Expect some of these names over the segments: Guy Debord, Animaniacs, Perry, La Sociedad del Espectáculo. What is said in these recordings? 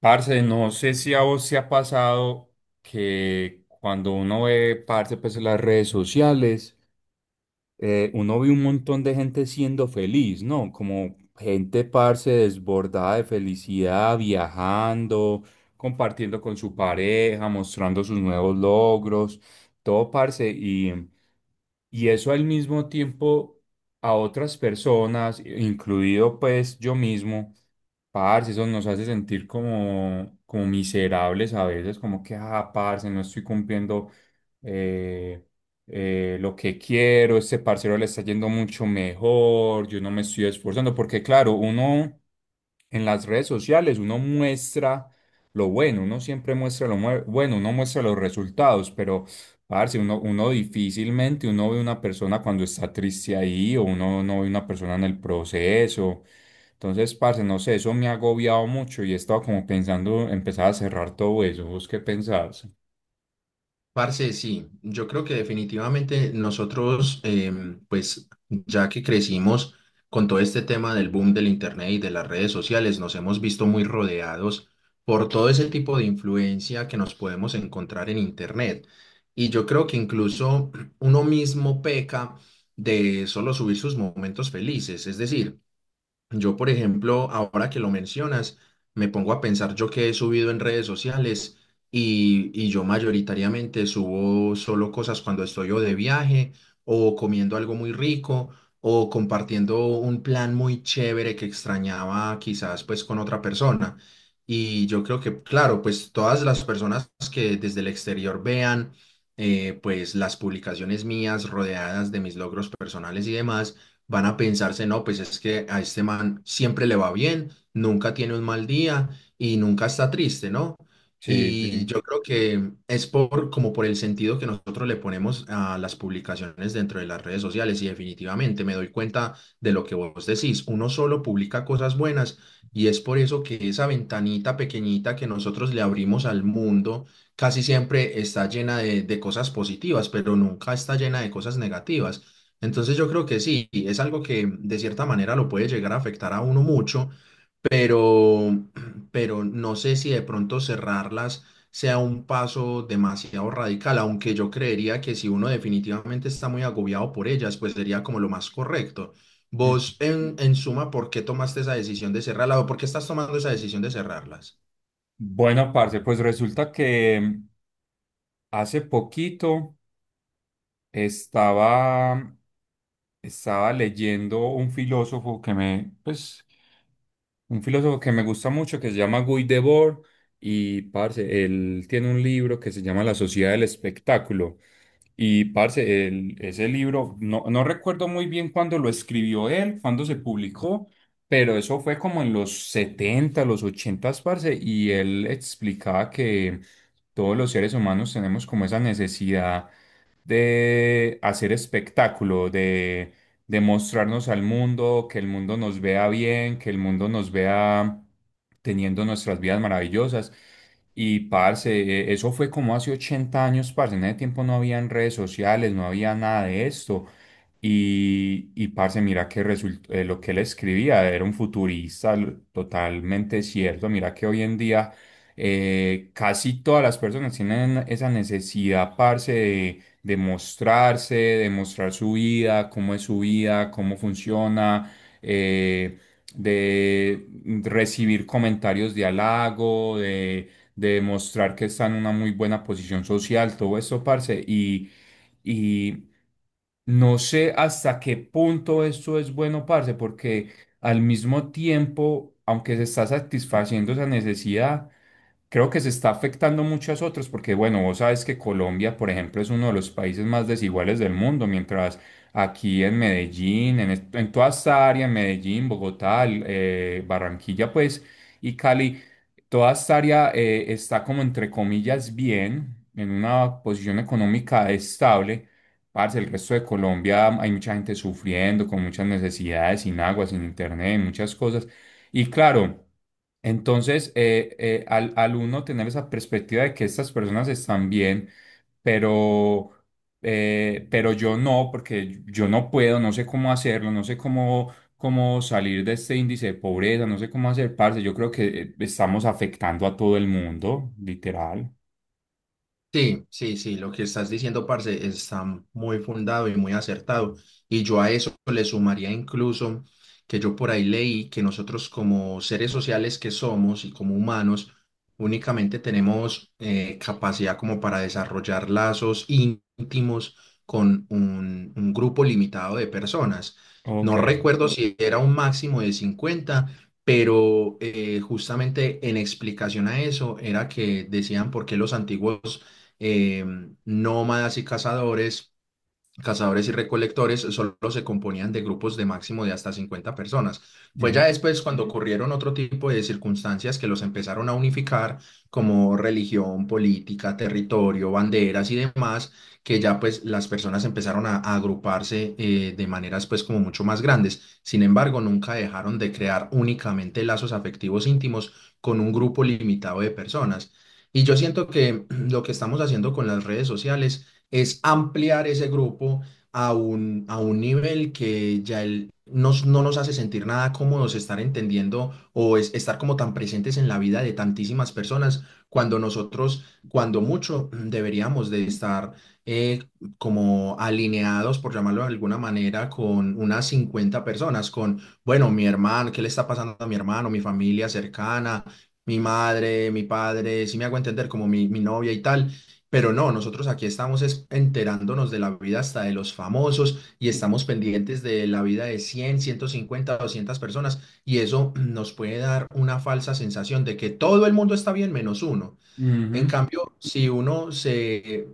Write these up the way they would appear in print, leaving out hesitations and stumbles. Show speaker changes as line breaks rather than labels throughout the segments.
Parce, no sé si a vos te ha pasado que cuando uno ve, parce, pues en las redes sociales, uno ve un montón de gente siendo feliz, ¿no? Como gente, parce, desbordada de felicidad, viajando, compartiendo con su pareja, mostrando sus nuevos logros, todo, parce, y eso al mismo tiempo a otras personas, incluido pues yo mismo. Parce, eso nos hace sentir como miserables a veces, como que, ah, parce, no estoy cumpliendo eh, lo que quiero, este parcero le está yendo mucho mejor, yo no me estoy esforzando, porque claro, uno en las redes sociales uno muestra lo bueno, uno siempre muestra lo bueno, uno muestra los resultados, pero parce, uno difícilmente uno ve una persona cuando está triste ahí o uno no ve una persona en el proceso. Entonces, parce, no sé, eso me ha agobiado mucho y he estado como pensando empezar a cerrar todo eso. ¿Vos qué pensás?
Parce, sí, yo creo que definitivamente nosotros, pues ya que crecimos con todo este tema del boom del Internet y de las redes sociales, nos hemos visto muy rodeados por todo ese tipo de influencia que nos podemos encontrar en Internet. Y yo creo que incluso uno mismo peca de solo subir sus momentos felices, es decir, yo, por ejemplo, ahora que lo mencionas, me pongo a pensar yo que he subido en redes sociales y yo mayoritariamente subo solo cosas cuando estoy o de viaje o comiendo algo muy rico o compartiendo un plan muy chévere que extrañaba quizás pues con otra persona. Y yo creo que, claro, pues todas las personas que desde el exterior vean pues las publicaciones mías rodeadas de mis logros personales y demás van a pensarse, no, pues es que a este man siempre le va bien, nunca tiene un mal día y nunca está triste, ¿no?
Sí,
Y
sí.
yo creo que es por, como por el sentido que nosotros le ponemos a las publicaciones dentro de las redes sociales y definitivamente me doy cuenta de lo que vos decís, uno solo publica cosas buenas y es por eso que esa ventanita pequeñita que nosotros le abrimos al mundo casi siempre está llena de cosas positivas, pero nunca está llena de cosas negativas. Entonces yo creo que sí, es algo que de cierta manera lo puede llegar a afectar a uno mucho, pero, pero no sé si de pronto cerrarlas sea un paso demasiado radical, aunque yo creería que si uno definitivamente está muy agobiado por ellas, pues sería como lo más correcto.
Mm.
Vos, en suma, ¿por qué tomaste esa decisión de cerrarlas o por qué estás tomando esa decisión de cerrarlas?
Bueno, parce, pues resulta que hace poquito estaba Estaba leyendo un filósofo que me, pues, un filósofo que me gusta mucho que se llama Guy Debord y, parce, él tiene un libro que se llama La Sociedad del Espectáculo y, parce, ese libro, no recuerdo muy bien cuándo lo escribió él, cuándo se publicó, pero eso fue como en los 70, los 80, parce, y él explicaba que todos los seres humanos tenemos como esa necesidad de hacer espectáculo, de mostrarnos al mundo, que el mundo nos vea bien, que el mundo nos vea teniendo nuestras vidas maravillosas. Y parce, eso fue como hace 80 años, parce. En ese tiempo no habían redes sociales, no había nada de esto. Y parce, mira que lo que él escribía era un futurista totalmente cierto. Mira que hoy en día casi todas las personas tienen esa necesidad, parce, de mostrarse, de mostrar su vida, cómo es su vida, cómo funciona, eh, de recibir comentarios de halago, de mostrar que está en una muy buena posición social, todo eso, parce, y, y no sé hasta qué punto esto es bueno, parce, porque al mismo tiempo, aunque se está satisfaciendo esa necesidad, creo que se está afectando muchas otras, porque bueno, vos sabes que Colombia, por ejemplo, es uno de los países más desiguales del mundo, mientras aquí en Medellín, en toda esta área, en Medellín, Bogotá, Barranquilla, pues, y Cali, toda esta área está como entre comillas bien, en una posición económica estable. Parce, el resto de Colombia hay mucha gente sufriendo, con muchas necesidades, sin agua, sin internet, muchas cosas. Y claro, entonces al uno tener esa perspectiva de que estas personas están bien, pero, pero yo no, porque yo no puedo, no sé cómo hacerlo, no sé cómo salir de este índice de pobreza, no sé cómo hacer, parce. Yo creo que estamos afectando a todo el mundo, literal.
Sí, sí, sí, lo que estás diciendo, parce, está muy fundado y muy acertado. Y yo a eso le sumaría incluso que yo por ahí leí que nosotros como seres sociales que somos y como humanos, únicamente tenemos capacidad como para desarrollar lazos íntimos con un grupo limitado de personas.
Ok.
No recuerdo si era un máximo de 50, pero justamente en explicación a eso era que decían por qué los antiguos eh, nómadas y cazadores y recolectores solo se componían de grupos de máximo de hasta 50 personas. Fue
Ujú.
ya después cuando ocurrieron otro tipo de circunstancias que los empezaron a unificar, como religión, política, territorio, banderas y demás, que ya pues las personas empezaron a agruparse de maneras pues como mucho más grandes. Sin embargo, nunca dejaron de crear únicamente lazos afectivos íntimos con un grupo limitado de personas. Y yo siento que lo que estamos haciendo con las redes sociales es ampliar ese grupo a a un nivel que ya no nos hace sentir nada cómodos estar entendiendo estar como tan presentes en la vida de tantísimas personas cuando nosotros, cuando mucho, deberíamos de estar eh, como alineados, por llamarlo de alguna manera, con unas 50 personas, con, bueno, mi hermano, ¿qué le está pasando a mi hermano, mi familia cercana? Mi madre, mi padre, si me hago entender como mi novia y tal, pero no, nosotros aquí estamos enterándonos de la vida hasta de los famosos y estamos pendientes de la vida de 100 150 200 personas y eso nos puede dar una falsa sensación de que todo el mundo está bien menos uno. En
Ujú.
cambio, si uno se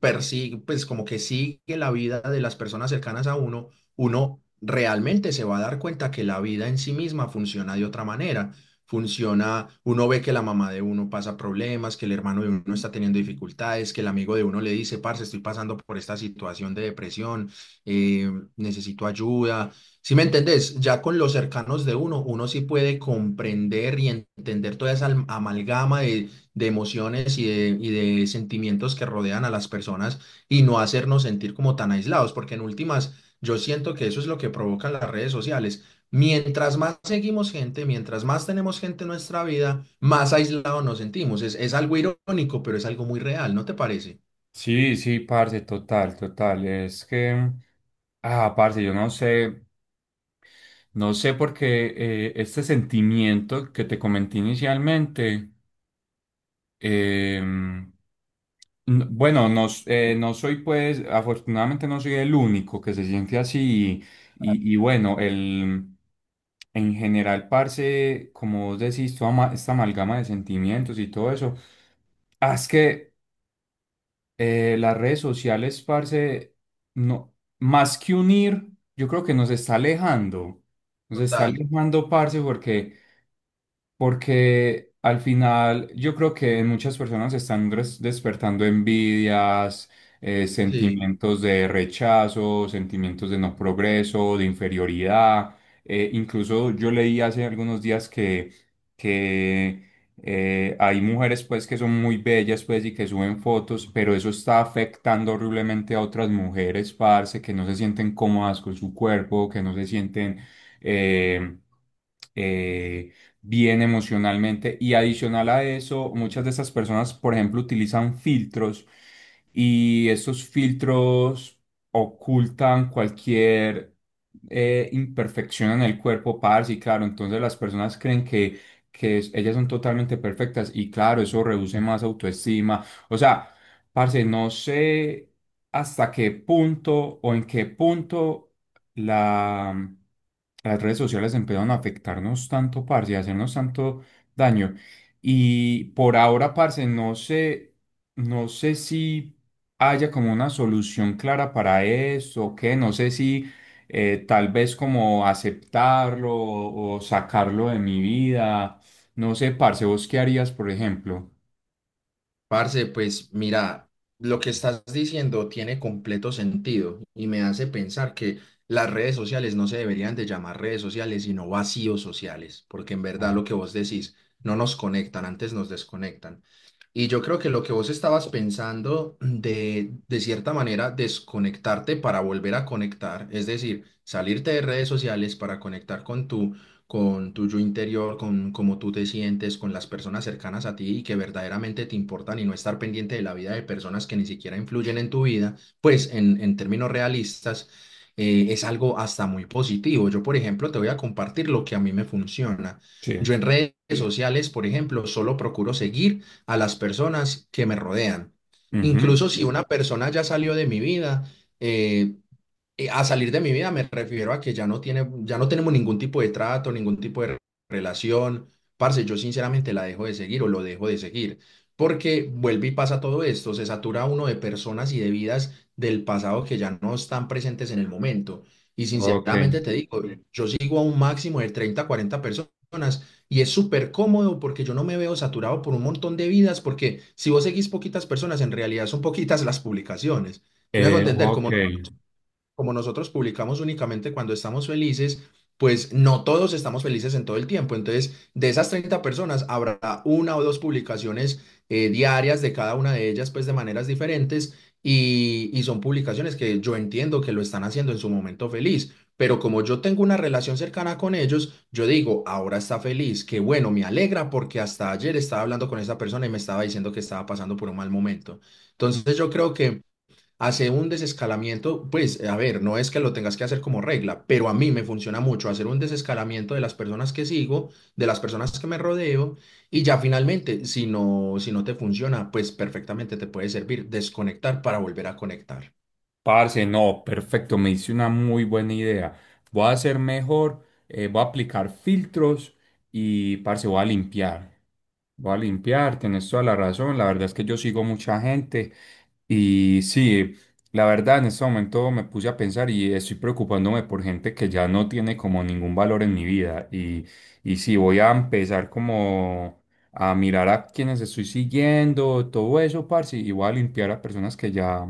persigue, pues como que sigue la vida de las personas cercanas a uno, uno realmente se va a dar cuenta que la vida en sí misma funciona de otra manera. Funciona, uno ve que la mamá de uno pasa problemas, que el hermano de uno está teniendo dificultades, que el amigo de uno le dice, parce, estoy pasando por esta situación de depresión, eh, necesito ayuda. Si me entendés, ya con los cercanos de uno, uno sí puede comprender y entender toda esa amalgama de emociones y y de sentimientos que rodean a las personas y no hacernos sentir como tan aislados, porque en últimas yo siento que eso es lo que provocan las redes sociales. Mientras más seguimos gente, mientras más tenemos gente en nuestra vida, más aislados nos sentimos. Es algo irónico, pero es algo muy real, ¿no te parece?
Sí, sí, parce, total, total. Es que, ah, parce, yo no sé, no sé por qué este sentimiento que te comenté inicialmente, em, Bueno, no, no soy pues, afortunadamente no soy el único que se siente así y, bueno, el, en general, parce, como vos decís, toda esta amalgama de sentimientos y todo eso, ah, es que las redes sociales, parce, no, más que unir, yo creo que nos está alejando. Nos está
Total,
alejando, parce, porque al final yo creo que en muchas personas están despertando envidias,
sí.
sentimientos de rechazo, sentimientos de no progreso, de inferioridad. Incluso yo leí hace algunos días que, que hay mujeres pues que son muy bellas pues y que suben fotos, pero eso está afectando horriblemente a otras mujeres, parce, que no se sienten cómodas con su cuerpo, que no se sienten eh, eh, bien emocionalmente. Y adicional a eso, muchas de esas personas, por ejemplo, utilizan filtros y estos filtros ocultan cualquier imperfección en el cuerpo, parce, y claro, entonces las personas creen que, que ellas son totalmente perfectas y claro, eso reduce más autoestima. O sea, parce, no sé hasta qué punto o en qué punto la, las redes sociales empezaron a afectarnos tanto, parce, y a hacernos tanto daño. Y por ahora, parce, no sé, no sé si haya como una solución clara para eso o qué, no sé si tal vez como aceptarlo o sacarlo de mi vida. No sé, parce, ¿vos qué harías, por ejemplo?
Parce, pues mira, lo que estás diciendo tiene completo sentido y me hace pensar que las redes sociales no se deberían de llamar redes sociales, sino vacíos sociales, porque en verdad
Ajá.
lo que vos decís no nos conectan, antes nos desconectan. Y yo creo que lo que vos estabas pensando de cierta manera, desconectarte para volver a conectar, es decir, salirte de redes sociales para conectar con con tu yo interior, con cómo tú te sientes, con las personas cercanas a ti y que verdaderamente te importan y no estar pendiente de la vida de personas que ni siquiera influyen en tu vida, pues en términos realistas, es algo hasta muy positivo. Yo, por ejemplo, te voy a compartir lo que a mí me funciona.
Sí.
Yo en redes sociales, por ejemplo, solo procuro seguir a las personas que me rodean.
Ujú.
Incluso si una persona ya salió de mi vida, eh, a salir de mi vida me refiero a que ya no tiene, ya no tenemos ningún tipo de trato, ningún tipo de relación. Parce, yo sinceramente la dejo de seguir o lo dejo de seguir, porque vuelve y pasa todo esto, se satura uno de personas y de vidas del pasado que ya no están presentes en el momento. Y
Ok.
sinceramente te digo, yo sigo a un máximo de 30, 40 personas y es súper cómodo porque yo no me veo saturado por un montón de vidas, porque si vos seguís poquitas personas, en realidad son poquitas las publicaciones. Si me hago entender,
Ok.
como nosotros publicamos únicamente cuando estamos felices, pues no todos estamos felices en todo el tiempo. Entonces, de esas 30 personas, habrá una o dos publicaciones diarias de cada una de ellas, pues de maneras diferentes. Y son publicaciones que yo entiendo que lo están haciendo en su momento feliz, pero como yo tengo una relación cercana con ellos, yo digo, ahora está feliz, que bueno, me alegra porque hasta ayer estaba hablando con esa persona y me estaba diciendo que estaba pasando por un mal momento. Entonces yo creo que hacer un desescalamiento, pues, a ver, no es que lo tengas que hacer como regla, pero a mí me funciona mucho hacer un desescalamiento de las personas que sigo, de las personas que me rodeo, y ya finalmente, si no te funciona, pues perfectamente te puede servir desconectar para volver a conectar.
Parce, no, perfecto, me hice una muy buena idea. Voy a hacer mejor, voy a aplicar filtros y, parce, voy a limpiar. Voy a limpiar, tenés toda la razón. La verdad es que yo sigo mucha gente. Y sí, la verdad en este momento me puse a pensar y estoy preocupándome por gente que ya no tiene como ningún valor en mi vida. Y sí, voy a empezar como a mirar a quienes estoy siguiendo, todo eso, parce, y voy a limpiar a personas que ya,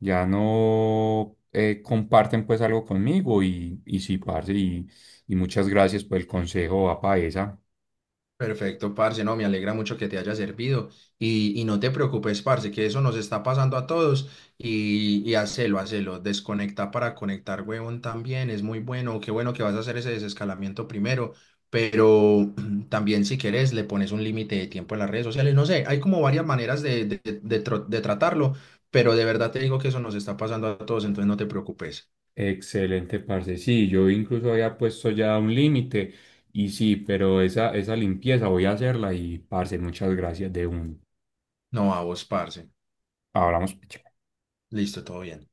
ya no comparten pues algo conmigo. Y sí, parce, y muchas gracias por el consejo, apa esa.
Perfecto, parce, no, me alegra mucho que te haya servido y no te preocupes, parce, que eso nos está pasando a todos y hacelo, hacelo, desconecta para conectar, huevón, también, es muy bueno, qué bueno que vas a hacer ese desescalamiento primero, pero también si quieres le pones un límite de tiempo en las redes sociales, no sé, hay como varias maneras de de tratarlo, pero de verdad te digo que eso nos está pasando a todos, entonces no te preocupes,
Excelente, parce. Sí, yo incluso había puesto ya un límite y sí, pero esa limpieza voy a hacerla y, parce, muchas gracias de un.
no a vos, parce,
Hablamos. Pues, chao.
listo, todo bien.